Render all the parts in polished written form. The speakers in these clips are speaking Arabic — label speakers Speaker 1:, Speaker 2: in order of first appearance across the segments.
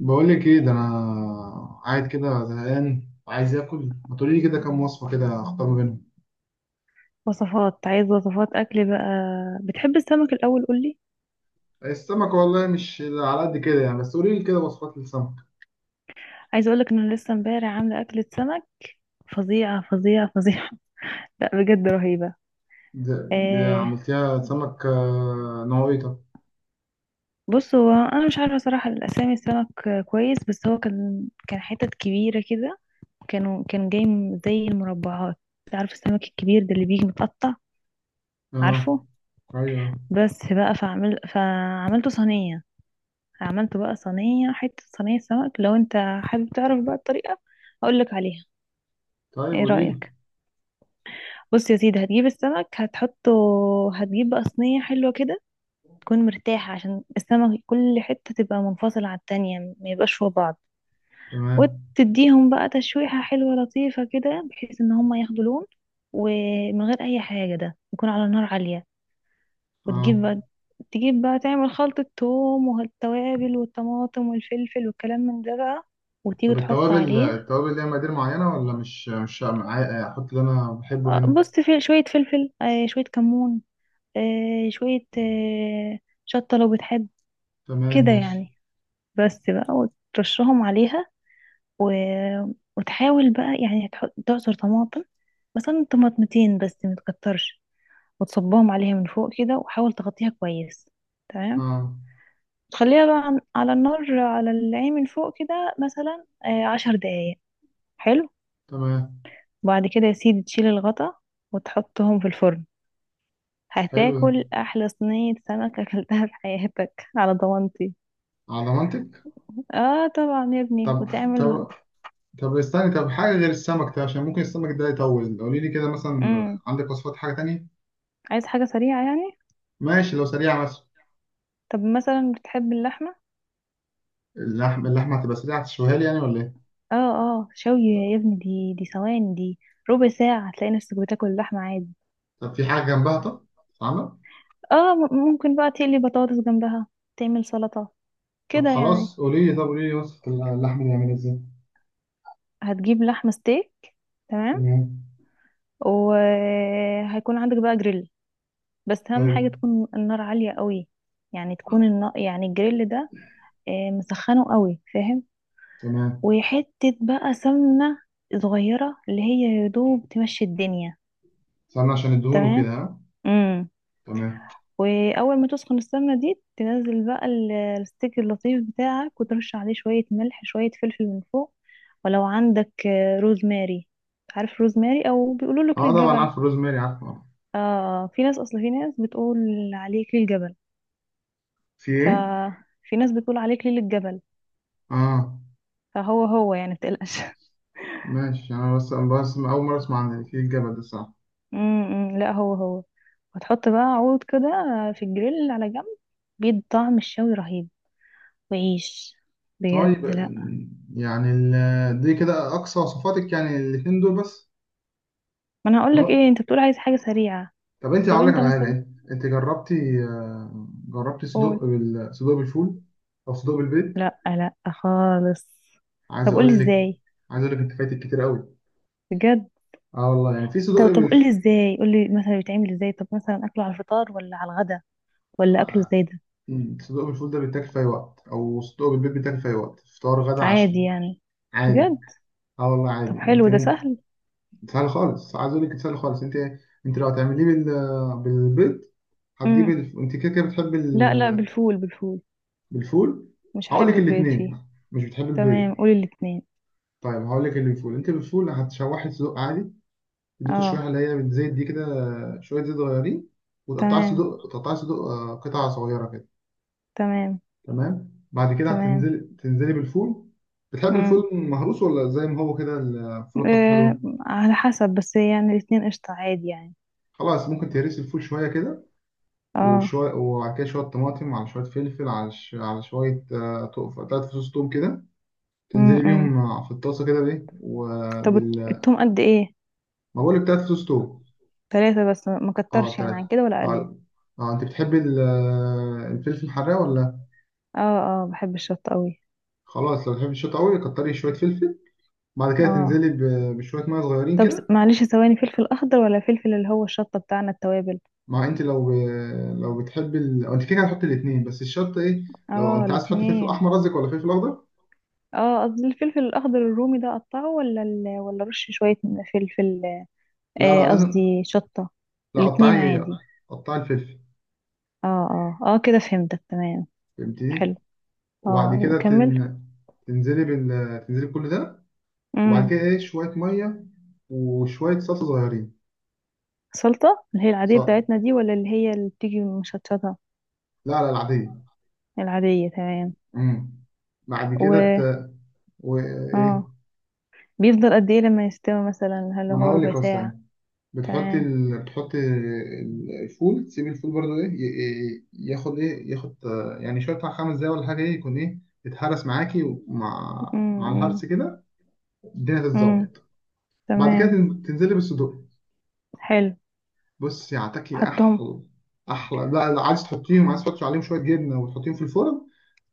Speaker 1: بقول لك ايه ده. انا قاعد كده زهقان وعايز اكل، ما تقولي لي كده كام وصفه كده اختار ما بينهم.
Speaker 2: عايز وصفات اكل بقى. بتحب السمك الاول؟ قولي.
Speaker 1: السمك والله مش على قد كده يعني، بس قولي لي كده وصفات للسمك.
Speaker 2: عايزه اقولك ان انا لسه امبارح عامله اكله سمك فظيعه فظيعه فظيعه. لا بجد رهيبه.
Speaker 1: ده
Speaker 2: آه،
Speaker 1: عملتيها سمك آه، نوعيته.
Speaker 2: بص هو انا مش عارفه صراحه الاسامي. السمك كويس، بس هو كان حتت كبيره كده. كان جاي زي المربعات. عارف السمك الكبير ده اللي بيجي متقطع؟
Speaker 1: اه.
Speaker 2: عارفه؟
Speaker 1: ايوه.
Speaker 2: بس بقى، فعملته صينيه. عملته بقى صينيه، صينيه سمك. لو انت حابب تعرف بقى الطريقه اقولك عليها،
Speaker 1: طيب
Speaker 2: ايه
Speaker 1: قولي لي.
Speaker 2: رايك؟ بص يا سيدي، هتجيب السمك هتحطه. هتجيب بقى صينية حلوة كده، تكون مرتاحة، عشان السمك كل حتة تبقى منفصلة عن التانية، ما يبقاش فوق بعض.
Speaker 1: تمام.
Speaker 2: وتديهم بقى تشويحة حلوة لطيفة كده، بحيث ان هما ياخدوا لون، ومن غير اي حاجة. ده يكون على نار عالية.
Speaker 1: اه.
Speaker 2: وتجيب بقى تجيب بقى تعمل خلطة توم والتوابل والطماطم والفلفل والكلام من ده بقى، وتيجي
Speaker 1: طب
Speaker 2: تحط
Speaker 1: التوابل،
Speaker 2: عليه.
Speaker 1: التوابل ليها مقادير معينه ولا مش مش عا- احط اللي انا بحبه يعني؟
Speaker 2: بص، في شوية فلفل، شوية كمون، آه، شوية آه، شطة لو بتحب،
Speaker 1: تمام
Speaker 2: كده
Speaker 1: ماشي.
Speaker 2: يعني. بس بقى، وترشهم عليها و... وتحاول بقى يعني تحط تعصر طماطم، مثلا طماطمتين بس متكترش، وتصبهم عليها من فوق كده، وحاول تغطيها كويس، تمام.
Speaker 1: اه.
Speaker 2: تخليها بقى على النار على العين من فوق كده، مثلا 10 دقايق. حلو.
Speaker 1: تمام.
Speaker 2: بعد كده يا سيدي تشيل الغطا وتحطهم في الفرن.
Speaker 1: حلو ده.
Speaker 2: هتاكل احلى صينية سمك اكلتها في حياتك على ضمانتي.
Speaker 1: على ضمانتك؟
Speaker 2: اه طبعا يا ابني،
Speaker 1: طب
Speaker 2: وتعمل.
Speaker 1: طب طب حاجة غير السمك ده، عشان ممكن السمك ده يطول، قولي لي كده مثلا
Speaker 2: امم،
Speaker 1: عندك وصفات حاجة تانية.
Speaker 2: عايز حاجة سريعة يعني؟
Speaker 1: ماشي لو سريعة مثلا.
Speaker 2: طب مثلا بتحب اللحمة؟
Speaker 1: اللحم، اللحمة هتبقى سريعة تشويها لي يعني ولا ايه؟
Speaker 2: اه اه، شوي
Speaker 1: طب,
Speaker 2: يا ابني، دي ثواني دي، ربع ساعة هتلاقي نفسك بتاكل اللحمة عادي.
Speaker 1: طب في حاجة جنبها طب تتعمل؟
Speaker 2: اه، ممكن بقى تقلي بطاطس جنبها، تعمل سلطة،
Speaker 1: طب
Speaker 2: كده يعني.
Speaker 1: خلاص قولي لي، طب قولي لي وصفة اللحمة دي عاملة ازاي.
Speaker 2: هتجيب لحمة ستيك، تمام.
Speaker 1: تمام.
Speaker 2: وهيكون عندك بقى جريل، بس أهم
Speaker 1: حلو.
Speaker 2: حاجة تكون النار عالية قوي. يعني تكون النار، يعني الجريل ده مسخنه قوي، فاهم.
Speaker 1: تمام.
Speaker 2: وحتة بقى سمنة صغيرة، اللي هي يدوب تمشي الدنيا.
Speaker 1: استنى عشان الدهون
Speaker 2: تمام.
Speaker 1: وكده، ها.
Speaker 2: مم.
Speaker 1: تمام.
Speaker 2: واول ما تسخن السمنه دي، تنزل بقى الستيك اللطيف بتاعك، وترش عليه شويه ملح، شويه فلفل من فوق. ولو عندك روزماري، عارف روزماري، او بيقولوا له كل
Speaker 1: اه طبعا
Speaker 2: الجبل.
Speaker 1: عارف الروزماري، عارفه آه.
Speaker 2: اه، في ناس، اصل في ناس بتقول عليه كل الجبل.
Speaker 1: في ايه؟
Speaker 2: ففي ناس بتقول عليه كل الجبل،
Speaker 1: اه.
Speaker 2: فهو هو يعني، متقلقش.
Speaker 1: ماشي، انا بس اول مرة اسمع عن في الجبل ده، صح.
Speaker 2: امم، لا، هو هو. وتحط بقى عود كده في الجريل على جنب، بيدي طعم الشوي رهيب. وعيش،
Speaker 1: طيب،
Speaker 2: بجد، لا.
Speaker 1: يعني دي كده اقصى وصفاتك يعني الاتنين دول بس؟
Speaker 2: ما انا هقول لك
Speaker 1: لا.
Speaker 2: ايه، انت بتقول عايز حاجه سريعه.
Speaker 1: طب انت
Speaker 2: طب
Speaker 1: هقول لك
Speaker 2: انت
Speaker 1: على حاجه،
Speaker 2: مثلا
Speaker 1: انت جربتي آه، جربتي
Speaker 2: قول.
Speaker 1: صدوق صدوق بالفول او صدوق بالبيض؟
Speaker 2: لا لا خالص.
Speaker 1: عايز
Speaker 2: طب قولي
Speaker 1: اقول لك
Speaker 2: ازاي؟
Speaker 1: عايز اقول لك انت فايتك كتير قوي.
Speaker 2: بجد؟
Speaker 1: اه والله يعني في صدوق
Speaker 2: طب قولي ازاي، قولي مثلا بيتعمل ازاي، طب مثلا اكله على الفطار ولا على الغدا، ولا اكله
Speaker 1: آه،
Speaker 2: ازاي ده؟
Speaker 1: صدوق بالفول ده بيتاكل في اي وقت، او صدوق بالبيض بيتاكل في اي وقت، فطار غدا عشاء
Speaker 2: عادي يعني؟
Speaker 1: عادي.
Speaker 2: بجد؟
Speaker 1: اه والله
Speaker 2: طب
Speaker 1: عادي
Speaker 2: حلو،
Speaker 1: انت
Speaker 2: ده
Speaker 1: ممكن.
Speaker 2: سهل.
Speaker 1: سهل خالص، عايز اقول لك سهل خالص. انت لو هتعمليه بالبيض،
Speaker 2: امم،
Speaker 1: انت كده كده بتحبي
Speaker 2: لا لا، بالفول، بالفول.
Speaker 1: بالفول.
Speaker 2: مش
Speaker 1: هقول
Speaker 2: هحب
Speaker 1: لك
Speaker 2: البيض فيه.
Speaker 1: الاثنين. مش بتحب البيض.
Speaker 2: تمام، قولي الاتنين.
Speaker 1: طيب هقول لك اللي بالفول. انت بالفول هتشوحي الصدوق عادي، تدوه
Speaker 2: اه.
Speaker 1: تشويحه اللي هي بالزيت دي كده، شويه زيت صغيرين. وتقطعي
Speaker 2: تمام
Speaker 1: الصدوق، تقطعي الصدوق آه، قطع صغيره كده.
Speaker 2: تمام
Speaker 1: تمام. بعد كده
Speaker 2: تمام.
Speaker 1: تنزلي بالفول. بتحب
Speaker 2: امم.
Speaker 1: الفول مهروس ولا زي ما هو كده؟ الفول بتاعته حلوه.
Speaker 2: إيه، على حسب، بس يعني الاتنين قشطة، عادي يعني.
Speaker 1: خلاص، ممكن تهرسي الفول شويه كده.
Speaker 2: اه.
Speaker 1: وشويه، وبعد كده شويه طماطم على شويه فلفل على على شويه آه، 3 فصوص توم كده. تنزلي
Speaker 2: امم.
Speaker 1: بيهم آه، في الطاسه كده بايه
Speaker 2: طب
Speaker 1: وبال.
Speaker 2: التوم قد ايه؟
Speaker 1: ما بقولك 3 فصوص توم.
Speaker 2: 3 بس، ما
Speaker 1: اه
Speaker 2: كترش يعني عن
Speaker 1: تلاتة.
Speaker 2: كده ولا اقلل؟
Speaker 1: اه. اه انت بتحبي الفلفل الحراق ولا؟
Speaker 2: اه اه، بحب الشطة قوي.
Speaker 1: خلاص لو بتحبي الشطة قوي كتري شوية فلفل. بعد كده
Speaker 2: اه.
Speaker 1: تنزلي بشوية مية صغيرين
Speaker 2: طب
Speaker 1: كده.
Speaker 2: معلش ثواني، فلفل اخضر، ولا فلفل اللي هو الشطة بتاعنا التوابل؟
Speaker 1: مع انت لو، لو بتحبي أو انت كده كده هتحطي الاتنين، بس الشطة ايه؟ لو
Speaker 2: اه
Speaker 1: انت عايز تحطي فلفل
Speaker 2: الاتنين.
Speaker 1: احمر قصدك ولا فلفل اخضر؟
Speaker 2: اه قصدي الفلفل الاخضر الرومي ده، اقطعه؟ ولا ال... ولا رش شوية فلفل؟
Speaker 1: لا لا لازم.
Speaker 2: قصدي شطة.
Speaker 1: لا،
Speaker 2: الاتنين
Speaker 1: قطعي.
Speaker 2: عادي.
Speaker 1: قطعي الفلفل.
Speaker 2: اه اه اه كده فهمتك، تمام.
Speaker 1: فهمتني؟
Speaker 2: حلو. اه،
Speaker 1: وبعد كده
Speaker 2: وكمل.
Speaker 1: تنزلي تنزلي بكل ده. وبعد
Speaker 2: امم.
Speaker 1: كده ايه، شوية مية وشوية صلصة صغيرين.
Speaker 2: سلطة اللي هي العادية
Speaker 1: صح.
Speaker 2: بتاعتنا دي، ولا اللي هي اللي بتيجي مشطشطة؟
Speaker 1: لا لا، العادية.
Speaker 2: العادية، تمام.
Speaker 1: امم. بعد
Speaker 2: و...
Speaker 1: كده وايه.
Speaker 2: اه. بيفضل قد ايه لما يستوي، مثلا هل
Speaker 1: ما انا
Speaker 2: هو
Speaker 1: هقول
Speaker 2: ربع
Speaker 1: لك
Speaker 2: ساعة؟
Speaker 1: اصلا.
Speaker 2: تمام.
Speaker 1: بتحطي الفول، تسيبي الفول برضو ايه، ياخد ايه، ياخد آه، يعني شويه بتاع 5 دقايق ولا حاجه، ايه يكون ايه، يتهرس معاكي ومع
Speaker 2: امم
Speaker 1: الهرس كده الدنيا
Speaker 2: امم.
Speaker 1: تتظبط. بعد كده
Speaker 2: تمام.
Speaker 1: تنزلي بالصدوق.
Speaker 2: حلو.
Speaker 1: بصي هتاكلي
Speaker 2: حطهم.
Speaker 1: احلى. لا لا، عايز تحطيهم، عايز تحطي عليهم شويه جبنه وتحطيهم في الفرن،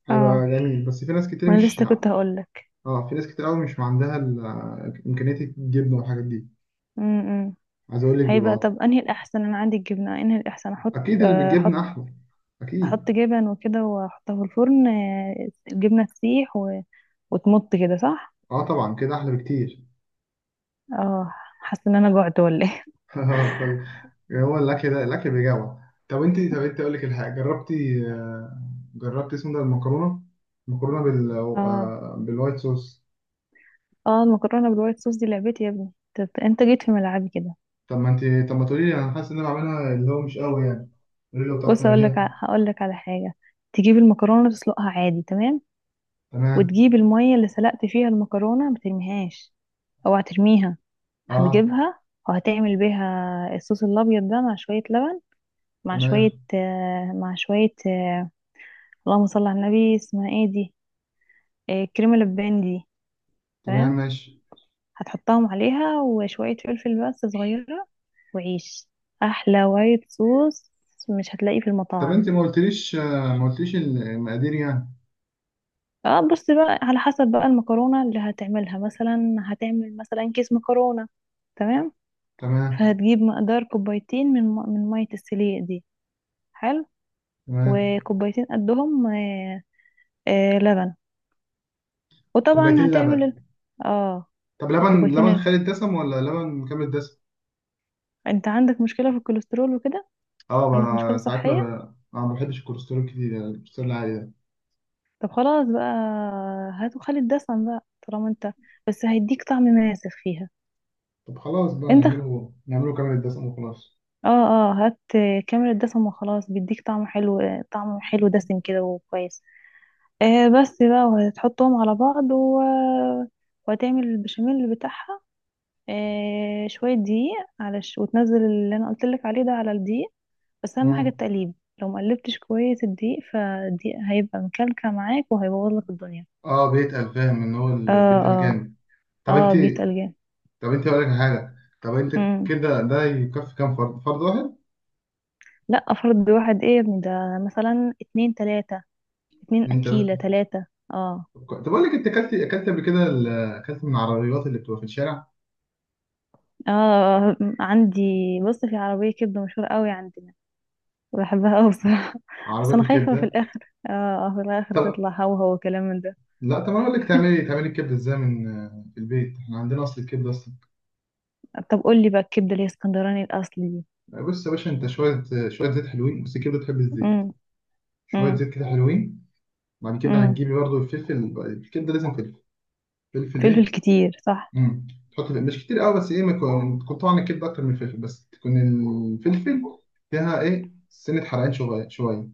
Speaker 1: هيبقى
Speaker 2: اه،
Speaker 1: جميل. بس في ناس كتير
Speaker 2: ما انا
Speaker 1: مش،
Speaker 2: لسه كنت هقول لك.
Speaker 1: اه، في ناس كتير قوي مش عندها امكانيه الجبنه والحاجات دي.
Speaker 2: امم.
Speaker 1: عايز اقول لك
Speaker 2: هيبقى.
Speaker 1: بيبقى
Speaker 2: طب، انهي الاحسن، انا عندي الجبنة، انهي الاحسن احط،
Speaker 1: اكيد اللي بالجبنه
Speaker 2: احط.
Speaker 1: احلى.
Speaker 2: احط
Speaker 1: اكيد.
Speaker 2: جبن وكده واحطها في الفرن، الجبنة تسيح و... وتمط كده، صح؟
Speaker 1: اه طبعا كده احلى بكتير.
Speaker 2: اه. حاسة ان انا جوعت ولا ايه؟
Speaker 1: كل- يعني هو الاكل ده الاكل بيجوع. طب انت اقول لك الحاجه جربتي آه، جربتي اسمه ده، المكرونه، المكرونه بال
Speaker 2: اه.
Speaker 1: آه، بالوايت صوص.
Speaker 2: اه، المكرونة بالوايت صوص دي لعبتي يا ابني، طب انت جيت في ملعبي كده.
Speaker 1: طب ما انت، طب ما تقولي لي، انا حاسس ان انا بعملها اللي هو مش قوي يعني، قولي لي لو بتعرف
Speaker 2: بص هقول لك،
Speaker 1: تعمليها.
Speaker 2: على حاجه. تجيب المكرونه تسلقها عادي، تمام.
Speaker 1: تمام.
Speaker 2: وتجيب الميه اللي سلقت فيها المكرونه، ما ترميهاش، اوعى ترميها.
Speaker 1: اه.
Speaker 2: هتجيبها وهتعمل بيها الصوص الابيض ده، مع شويه لبن، مع
Speaker 1: تمام.
Speaker 2: شويه اللهم صل على النبي، اسمها ايه دي، كريمه لبان دي.
Speaker 1: تمام
Speaker 2: تمام.
Speaker 1: ماشي.
Speaker 2: هتحطهم عليها، وشويه فلفل بس صغيره. وعيش احلى وايت صوص مش هتلاقيه في
Speaker 1: طب
Speaker 2: المطاعم.
Speaker 1: انت ما قلتليش آه، ما قلتليش المقادير يعني.
Speaker 2: اه، بصي بقى، على حسب بقى المكرونة اللي هتعملها. مثلا هتعمل مثلا كيس مكرونة، تمام.
Speaker 1: تمام.
Speaker 2: فهتجيب مقدار كوبايتين من مية السليق دي، حلو.
Speaker 1: تمام.
Speaker 2: وكوبايتين قدهم، آه آه، لبن. وطبعا
Speaker 1: كوبايتين
Speaker 2: هتعمل
Speaker 1: لبن
Speaker 2: ال... اه.
Speaker 1: طب لبن،
Speaker 2: وكوبايتين
Speaker 1: لبن
Speaker 2: ال...
Speaker 1: خالي الدسم ولا لبن مكمل الدسم؟
Speaker 2: انت عندك مشكلة في الكوليسترول وكده؟
Speaker 1: اه
Speaker 2: عندك مشكلة
Speaker 1: بقى ساعات ما
Speaker 2: صحية؟
Speaker 1: ب... أنا ما بحبش الكوليسترول كتير، يعني الكوليسترول العالي ده.
Speaker 2: طب خلاص بقى، هات وخلي الدسم بقى طالما انت، بس هيديك طعم ماسخ فيها.
Speaker 1: طب خلاص بقى،
Speaker 2: انت
Speaker 1: نعمله كامل الدسم وخلاص.
Speaker 2: اه اه، هات كاميرا دسم وخلاص، بيديك طعم حلو، طعم حلو دسم كده وكويس. آه بس بقى، وهتحطهم على بعض و... وهتعمل البشاميل بتاعها. آه، شوية دقيق على ش... وتنزل اللي انا قلت لك عليه ده على الدقيق. بس اهم حاجة
Speaker 1: مم.
Speaker 2: التقليب. لو مقلبتش كويس الدقيق، فالدقيق هيبقى مكلكع معاك وهيبوظ لك الدنيا.
Speaker 1: اه بيتقل، فاهم، ان هو اللي
Speaker 2: اه
Speaker 1: بيتقل
Speaker 2: اه
Speaker 1: جامد. طب
Speaker 2: اه،
Speaker 1: انت
Speaker 2: بيتقل جامد.
Speaker 1: طب انت اقول لك حاجه. طب انت
Speaker 2: مم.
Speaker 1: كده ده يكفي كام فرد، فرد واحد؟
Speaker 2: لا فرد واحد ايه يا ابني ده، مثلا اتنين تلاتة، اتنين
Speaker 1: اتنين تلاته.
Speaker 2: اكيلة تلاتة. اه
Speaker 1: طب اقول لك انت اكلت، اكلت من العربيات اللي بتبقى في الشارع،
Speaker 2: اه عندي. بص، في عربية كبدة مشهورة قوي عندنا، بحبها قوي بصراحة. بس
Speaker 1: عربيات
Speaker 2: انا خايفة في
Speaker 1: الكبده؟
Speaker 2: الاخر اه في الاخر
Speaker 1: طب
Speaker 2: تطلع هو هو كلام من ده.
Speaker 1: لا، طب انا اقول لك تعملي، تعملي الكبده ازاي من آه، في البيت، احنا عندنا اصل الكبده اصلا.
Speaker 2: طب قول لي بقى الكبدة اللي هي اسكندراني الاصلي دي.
Speaker 1: بص يا باشا، انت شويه شويه زيت حلوين، بس الكبده بتحب الزيت.
Speaker 2: امم
Speaker 1: شويه
Speaker 2: امم
Speaker 1: زيت كده حلوين. بعد كده
Speaker 2: امم.
Speaker 1: هتجيبي برضو الفلفل، الكبده لازم فلفل. فلفل
Speaker 2: فلفل
Speaker 1: ايه؟
Speaker 2: كتير صح.
Speaker 1: امم. تحط فلفل. مش كتير قوي، بس ايه، ما يكون، تكون طعم الكبده اكتر من الفلفل، بس تكون الفلفل فيها ايه، سنه حرقان شويه شويه.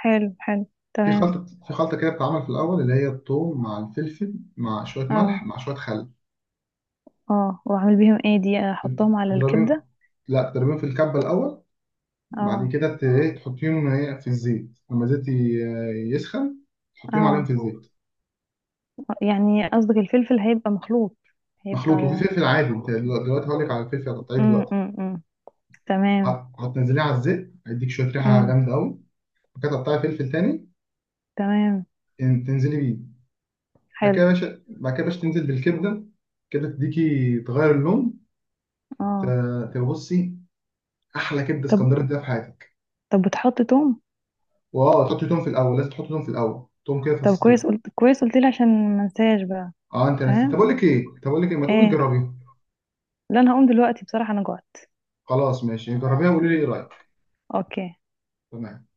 Speaker 2: حلو حلو.
Speaker 1: في
Speaker 2: تمام.
Speaker 1: خلطه، في خلطه كده بتتعمل في الاول، اللي هي الثوم مع الفلفل مع شويه ملح
Speaker 2: اه.
Speaker 1: مع شويه خل.
Speaker 2: اه، واعمل بيهم ايه، دي احطهم على الكبدة؟
Speaker 1: تضربيهم. لا، تضربيهم في الكبه الاول. بعد
Speaker 2: اه
Speaker 1: كده ايه، تحطيهم ايه في الزيت لما الزيت يسخن، تحطيهم عليهم
Speaker 2: اه،
Speaker 1: في الزيت.
Speaker 2: يعني قصدك الفلفل هيبقى مخلوط،
Speaker 1: مخلوط، وفي
Speaker 2: هيبقى.
Speaker 1: فلفل عادي، انت دلوقتي هقول لك على الفلفل هتقطعيه دلوقتي.
Speaker 2: أمم. تمام.
Speaker 1: هتنزليه على الزيت، هيديك شويه ريحه
Speaker 2: امم.
Speaker 1: جامده قوي. بعد كده هتقطعي فلفل تاني.
Speaker 2: تمام.
Speaker 1: تنزلي بيه. بعد كده
Speaker 2: حلو.
Speaker 1: يا باشا، بعد كده يا باشا تنزل بالكبده، كده تديكي تغير اللون.
Speaker 2: اه.
Speaker 1: تبصي. احلى كبده
Speaker 2: طب
Speaker 1: اسكندراني تديها في حياتك.
Speaker 2: طب، بتحط توم؟
Speaker 1: واه، تحطي توم في الاول، لازم تحطي توم في الاول، توم كده
Speaker 2: طب
Speaker 1: فص
Speaker 2: كويس،
Speaker 1: توم.
Speaker 2: قلت كويس، قلت لي عشان ما انساش بقى.
Speaker 1: اه انت نسيت؟ طب
Speaker 2: تمام.
Speaker 1: اقول لك ايه، طب اقول لك ايه، ما تقومي
Speaker 2: ايه.
Speaker 1: تجربيها.
Speaker 2: لا انا هقوم دلوقتي بصراحة، انا جوعت.
Speaker 1: خلاص ماشي، جربيها وقولي لي ايه رايك.
Speaker 2: اوكي.
Speaker 1: تمام.